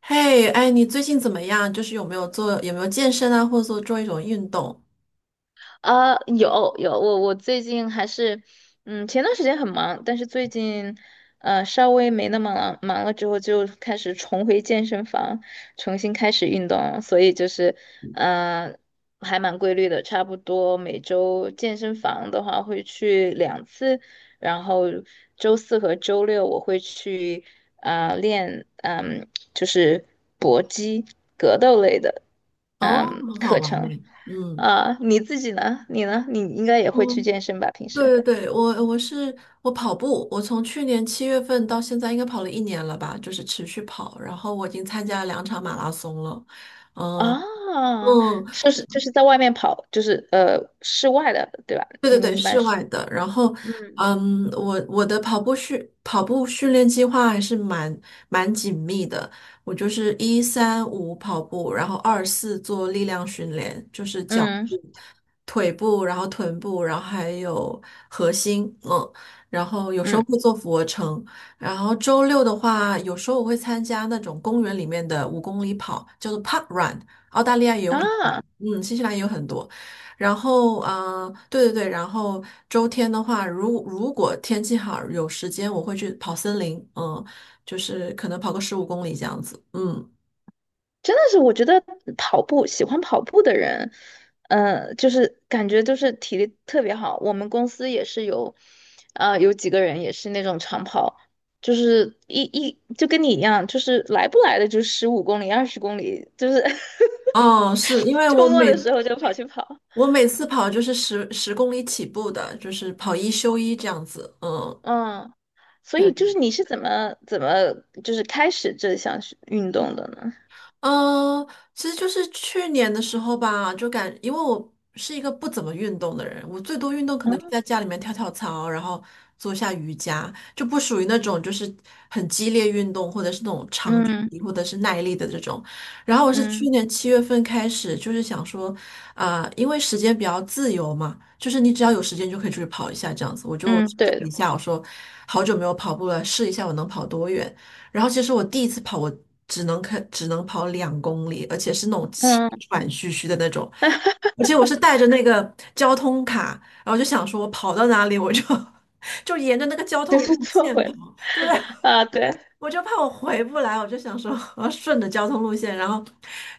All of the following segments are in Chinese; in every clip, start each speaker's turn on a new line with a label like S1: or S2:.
S1: 嘿，哎，你最近怎么样？就是有没有做，有没有健身啊，或者说做一种运动？
S2: 啊，有，我最近还是，前段时间很忙，但是最近，稍微没那么忙了之后，就开始重回健身房，重新开始运动了。所以就是，呃，还蛮规律的，差不多每周健身房的话会去两次，然后周四和周六我会去，啊，练，嗯，就是搏击、格斗类的，
S1: 哦，很好
S2: 课
S1: 玩
S2: 程。
S1: 呢。嗯
S2: 啊，你自己呢？你呢？你应该也会去
S1: 嗯，
S2: 健身吧？平时
S1: 对对对，我跑步，我从去年七月份到现在应该跑了1年了吧，就是持续跑，然后我已经参加了2场马拉松了。嗯
S2: 啊，
S1: 嗯，
S2: 是就是在外面跑，就是室外的，对吧？
S1: 对
S2: 你
S1: 对
S2: 们
S1: 对，
S2: 一般
S1: 室
S2: 是。
S1: 外的。然后，
S2: 嗯
S1: 嗯，我的跑步训练计划还是蛮紧密的。我就是一三五跑步，然后二四做力量训练，就是脚
S2: 嗯
S1: 步、腿部，然后臀部，然后还有核心，嗯，然后有时候
S2: 嗯。
S1: 会做俯卧撑。然后周六的话，有时候我会参加那种公园里面的5公里跑，叫做 Park Run，澳大利亚也有很，
S2: 啊。
S1: 嗯，新西兰也有很多。然后，啊，对对对，然后周天的话，如果天气好有时间，我会去跑森林，嗯，就是可能跑个15公里这样子，嗯，
S2: 真的是，我觉得跑步喜欢跑步的人，就是感觉就是体力特别好。我们公司也是有，啊，有几个人也是那种长跑，就是就跟你一样，就是来不来的就15公里、二十公里，就是
S1: 哦，是因为
S2: 周末的时候就跑去跑。
S1: 我每次跑就是十公里起步的，就是跑一休一这样子，嗯，
S2: 嗯，所以
S1: 对。
S2: 就是你是怎么就是开始这项是运动的呢？
S1: 嗯，其实就是去年的时候吧，因为我是一个不怎么运动的人，我最多运动可能就
S2: 嗯
S1: 在家里面跳跳操，然后做一下瑜伽，就不属于那种就是很激烈运动，或者是那种长距
S2: 嗯
S1: 离或者是耐力的这种。然后我是去
S2: 嗯
S1: 年七月份开始，就是想说，啊、因为时间比较自由嘛，就是你只要有时间就可以出去跑一下这样子，我就
S2: 嗯，
S1: 试了
S2: 对，
S1: 一下，我说好久没有跑步了，试一下我能跑多远。然后其实我第一次跑，我只能跑两公里，而且是那种气
S2: 嗯，
S1: 喘吁吁的那种，而且我是带着那个交通卡，然后就想说我跑到哪里我就 就沿着那个交
S2: 就
S1: 通路
S2: 是做
S1: 线
S2: 回来。
S1: 跑，对，
S2: 啊，对。
S1: 我就怕我回不来，我就想说我要顺着交通路线，然后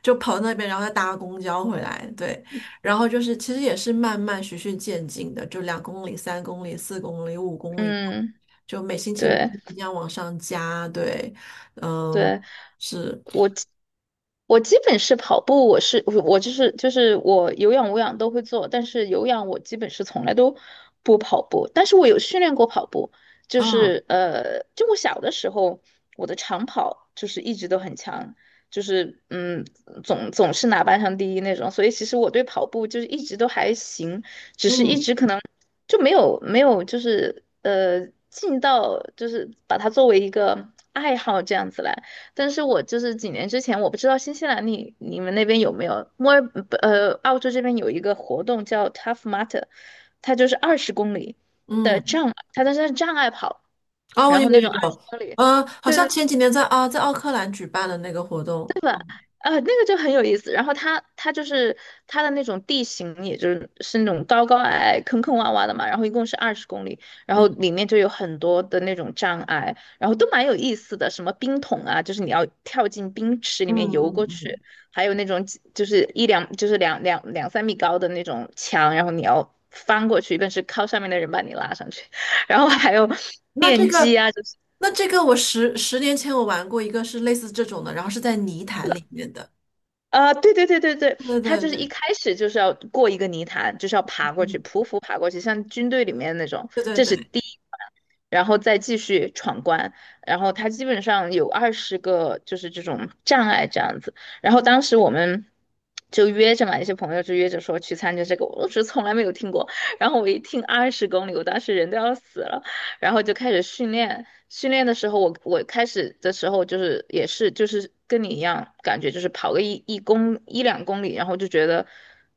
S1: 就跑到那边，然后再搭公交回来。对，然后就是其实也是慢慢循序渐进的，就2公里、3公里、4公里、5公里，
S2: 嗯，
S1: 就每星期每
S2: 对
S1: 星期这样往上加。对，嗯，
S2: 对，
S1: 是，
S2: 我基我基本是跑步，我是我就是我有氧无氧都会做，但是有氧我基本是从来都不跑步，但是我有训练过跑步，就
S1: 嗯
S2: 是就我小的时候我的长跑就是一直都很强，就是嗯总是拿班上第一那种，所以其实我对跑步就是一直都还行，
S1: 嗯
S2: 就没有就是尽到就是把它作为一个爱好这样子来。但是我就是几年之前，我不知道新西兰你你们那边有没有墨尔不澳洲这边有一个活动叫 Tough Mudder，它就是二十公里的
S1: 嗯，
S2: 障，它但是它是障碍跑，
S1: 哦，我
S2: 然
S1: 有
S2: 后那
S1: 有
S2: 种二十
S1: 有，
S2: 公里。
S1: 好
S2: 对
S1: 像
S2: 对。
S1: 前几年在啊在奥克兰举办的那个活动，
S2: 那个就很有意思。然后它就是它的那种地形，也就是是那种高高矮、坑坑洼洼的嘛。然后一共是二十公里，然后
S1: 嗯
S2: 里面就有很多的那种障碍，然后都蛮有意思的。什么冰桶啊，就是你要跳进冰池里
S1: 嗯
S2: 面游
S1: 嗯
S2: 过
S1: 嗯，
S2: 去，
S1: 嗯
S2: 还有那种几就是一两就是两两三米高的那种墙，然后你要翻过去，但是靠上面的人把你拉上去。然后还有
S1: 那这
S2: 电机
S1: 个，
S2: 啊，就是。
S1: 那这个，我十年前我玩过一个是类似这种的，然后是在泥潭里面的。
S2: 啊、对对对对对，
S1: 对
S2: 他
S1: 对
S2: 就是一
S1: 对，
S2: 开始就是要过一个泥潭，就是要爬过去，
S1: 嗯，
S2: 匍匐爬过去，像军队里面那种，
S1: 对对
S2: 这是
S1: 对，
S2: 第一关，然后再继续闯关，然后他基本上有20个就是这种障碍这样子，然后当时我们就约着嘛，一些朋友就约着说去参加这个，我是从来没有听过，然后我一听二十公里，我当时人都要死了，然后就开始训练。训练的时候，我开始的时候就是也是就是跟你一样，感觉就是跑个一两公里，然后就觉得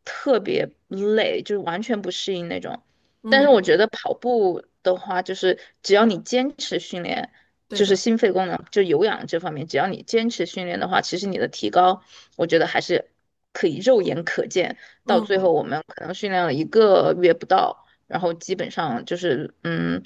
S2: 特别累，就是完全不适应那种。
S1: 嗯
S2: 但是我觉
S1: 嗯，
S2: 得跑步的话，就是只要你坚持训练，
S1: 对
S2: 就是
S1: 的，
S2: 心肺功能就有氧这方面，只要你坚持训练的话，其实你的提高，我觉得还是可以肉眼可见。到最
S1: 嗯
S2: 后，我们可能训练了一个月不到。然后基本上就是嗯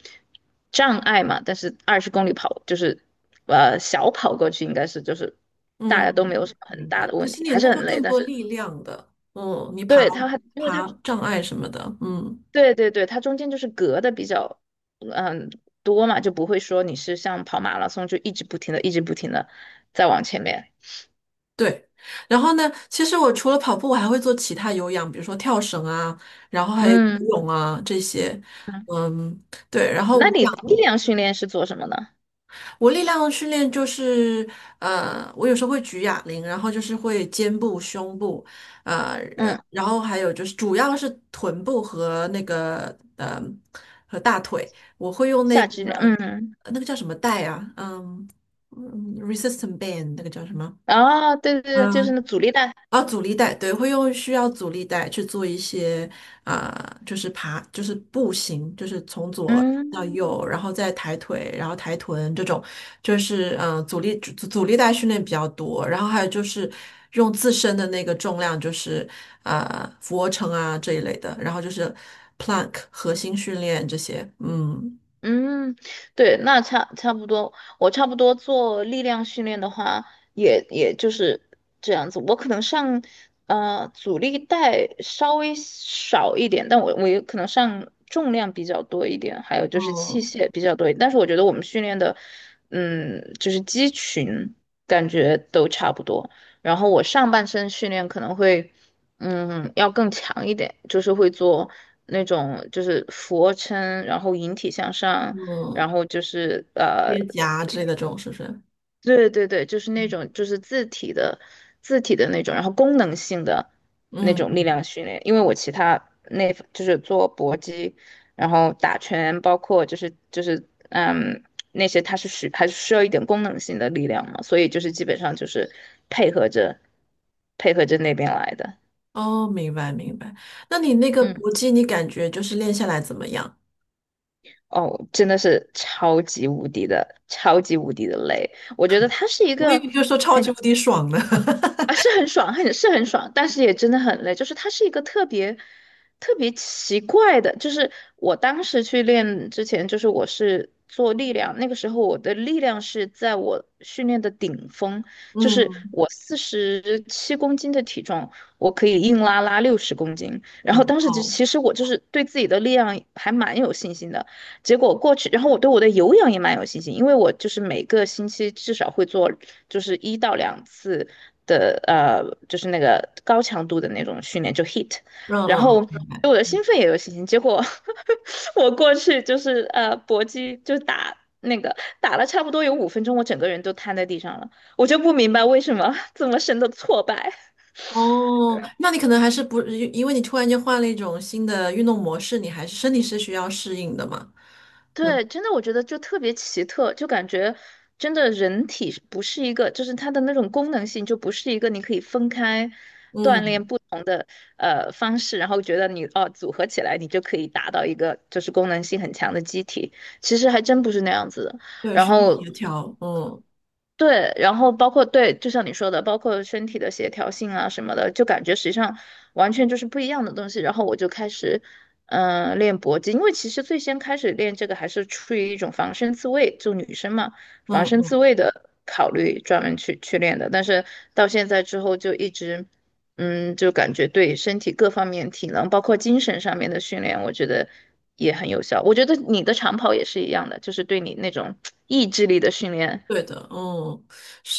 S2: 障碍嘛，但是二十公里跑就是小跑过去应该是就是
S1: 嗯
S2: 大家都没有什
S1: 嗯，
S2: 么很
S1: 明
S2: 大
S1: 白。
S2: 的
S1: 其
S2: 问
S1: 实
S2: 题，
S1: 你
S2: 还是
S1: 那
S2: 很
S1: 个
S2: 累，
S1: 更
S2: 但
S1: 多
S2: 是
S1: 力量的，嗯，
S2: 对它还因为它
S1: 爬障碍什么的，嗯，
S2: 对对对，它中间就是隔的比较嗯多嘛，就不会说你是像跑马拉松就一直不停的一直不停的再往前面。
S1: 对。然后呢，其实我除了跑步，我还会做其他有氧，比如说跳绳啊，然后还有游
S2: 嗯
S1: 泳啊这些，
S2: 嗯。
S1: 嗯，对。然后我。
S2: 那你力量训练是做什么呢？
S1: 我力量的训练就是，我有时候会举哑铃，然后就是会肩部、胸部，
S2: 嗯，
S1: 然后还有就是主要是臀部和那个和大腿，我会用那
S2: 下肢力
S1: 个
S2: 量，嗯。
S1: 那个叫什么带啊，嗯嗯，resistant band 那个叫什么？
S2: 啊，对对对，就是
S1: 嗯。
S2: 那阻力带。
S1: 啊，阻力带，对，会用需要阻力带去做一些啊、就是爬，就是步行，就是从左到
S2: 嗯。
S1: 右，然后再抬腿，然后抬臀这种，就是嗯、阻力带训练比较多，然后还有就是用自身的那个重量，就是啊，俯卧撑啊这一类的，然后就是 plank 核心训练这些，嗯
S2: 嗯，对，那差不多，我差不多做力量训练的话，也就是这样子。我可能上阻力带稍微少一点，但我也可能上重量比较多一点，还有就是器
S1: 嗯
S2: 械比较多一点。但是我觉得我们训练的，嗯，就是肌群感觉都差不多。然后我上半身训练可能会。嗯，要更强一点，就是会做那种就是俯卧撑，然后引体向上，然
S1: 嗯，
S2: 后就是
S1: 接夹之类的这种是不是？
S2: 对对对，就是那种就是自体的那种，然后功能性的那种力
S1: 嗯。
S2: 量训练。因为我其他那就是做搏击，然后打拳，包括就是嗯那些，它是需还是需要一点功能性的力量嘛，所以就是基本上就是配合着配合着那边来的。
S1: 哦，明白明白。那你那个
S2: 嗯。
S1: 搏击，你感觉就是练下来怎么样？
S2: 哦，真的是超级无敌的，超级无敌的累。我觉得它是一
S1: 我以
S2: 个
S1: 为就说超级无敌爽呢。
S2: 啊，是很爽，很爽，但是也真的很累。就是它是一个特别奇怪的，就是我当时去练之前，就是我是做力量，那个时候我的力量是在我训练的顶峰，就是
S1: 嗯，
S2: 我47公斤的体重，我可以硬拉60公斤。然
S1: 五
S2: 后当时就
S1: 号，
S2: 其实我就是对自己的力量还蛮有信心的。结果过去，然后我对我的有氧也蛮有信心，因为我就是每个星期至少会做就是一到两次的就是那个高强度的那种训练，就 HIIT，
S1: 嗯
S2: 然
S1: 嗯，
S2: 后
S1: 明
S2: 对
S1: 白。
S2: 我的兴奋也有信心。结果 我过去就是搏击就打那个打了差不多有5分钟，我整个人都瘫在地上了，我就不明白为什么这么深的挫败。
S1: 哦，那你可能还是不，因为你突然间换了一种新的运动模式，你还是身体是需要适应的嘛。对，
S2: 对，真的我觉得就特别奇特，就感觉真的人体是不是一个，就是它的那种功能性就不是一个你可以分开锻炼
S1: 嗯，
S2: 不同的方式，然后觉得你哦组合起来你就可以达到一个就是功能性很强的机体，其实还真不是那样子的。
S1: 对，
S2: 然
S1: 身体
S2: 后
S1: 协调，嗯
S2: 对，然后包括对，就像你说的，包括身体的协调性啊什么的，就感觉实际上完全就是不一样的东西。然后我就开始，嗯、练搏击，因为其实最先开始练这个还是出于一种防身自卫，就女生嘛，防
S1: 嗯
S2: 身自
S1: 嗯，
S2: 卫的考虑，专门去练的。但是到现在之后就一直，嗯，就感觉对身体各方面、体能，包括精神上面的训练，我觉得也很有效。我觉得你的长跑也是一样的，就是对你那种意志力的训练。
S1: 对的，嗯，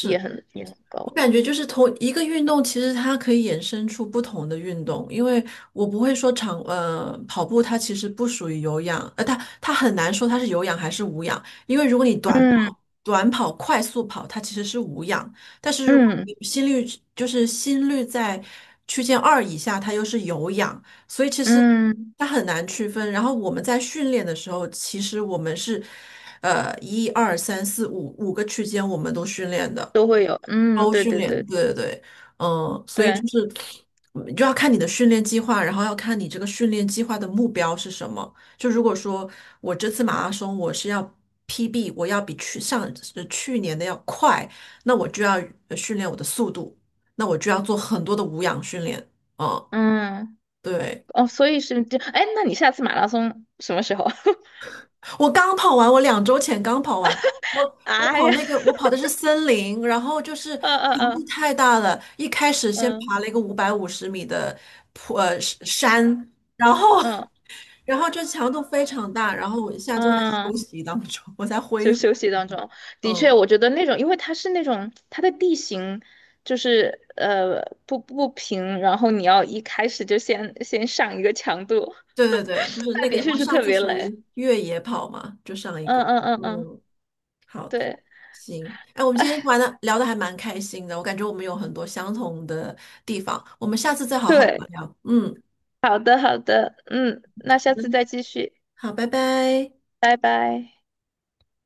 S2: 也很高。
S1: 我感觉就是同一个运动，其实它可以衍生出不同的运动，因为我不会说跑步，它其实不属于有氧，呃，它很难说它是有氧还是无氧，因为如果你
S2: 嗯
S1: 短跑、快速跑，它其实是无氧，但是如果你
S2: 嗯
S1: 心率在区间2以下，它又是有氧，所以其实
S2: 嗯，
S1: 它很难区分。然后我们在训练的时候，其实我们是，呃，一二三四五个区间我们都训练的，
S2: 都会有，嗯，
S1: 都
S2: 对
S1: 训
S2: 对
S1: 练，
S2: 对
S1: 对对对，嗯，所以就
S2: 对，
S1: 是嗯就要看你的训练计划，然后要看你这个训练计划的目标是什么。就如果说我这次马拉松我是要 PB，我要比去去年的要快，那我就要训练我的速度，那我就要做很多的无氧训练，嗯。
S2: 嗯。
S1: 对，
S2: 哦，所以是这，哎，那你下次马拉松什么时候？
S1: 我刚跑完，我2周前刚跑完，我
S2: 哎呀，
S1: 我跑的是森林，然后就 是
S2: 嗯
S1: 强度
S2: 嗯
S1: 太大了，一开始先
S2: 嗯
S1: 爬了一个550米的坡呃山，然后
S2: 嗯嗯
S1: 然后就强度非常大，然后我现在正在
S2: 嗯，
S1: 休息当中，我在
S2: 就
S1: 恢复。
S2: 休息当中，的确，
S1: 嗯，
S2: 我觉得那种，因为它是那种它的地形就是不平，然后你要一开始就先上一个强度，
S1: 对对对，就是
S2: 那
S1: 那个
S2: 的确
S1: 我
S2: 是
S1: 上
S2: 特
S1: 次
S2: 别
S1: 属
S2: 累，
S1: 于越野跑嘛，就上一个，
S2: 嗯嗯嗯嗯，
S1: 嗯，好，
S2: 对。
S1: 行，哎，我们
S2: 哎
S1: 今天玩的聊的还蛮开心的，我感觉我们有很多相同的地方，我们下次再好好
S2: 对，
S1: 聊聊。嗯，
S2: 好的，好的，嗯，那
S1: 好
S2: 下
S1: 的，
S2: 次再继续，
S1: 好，拜拜。
S2: 拜拜。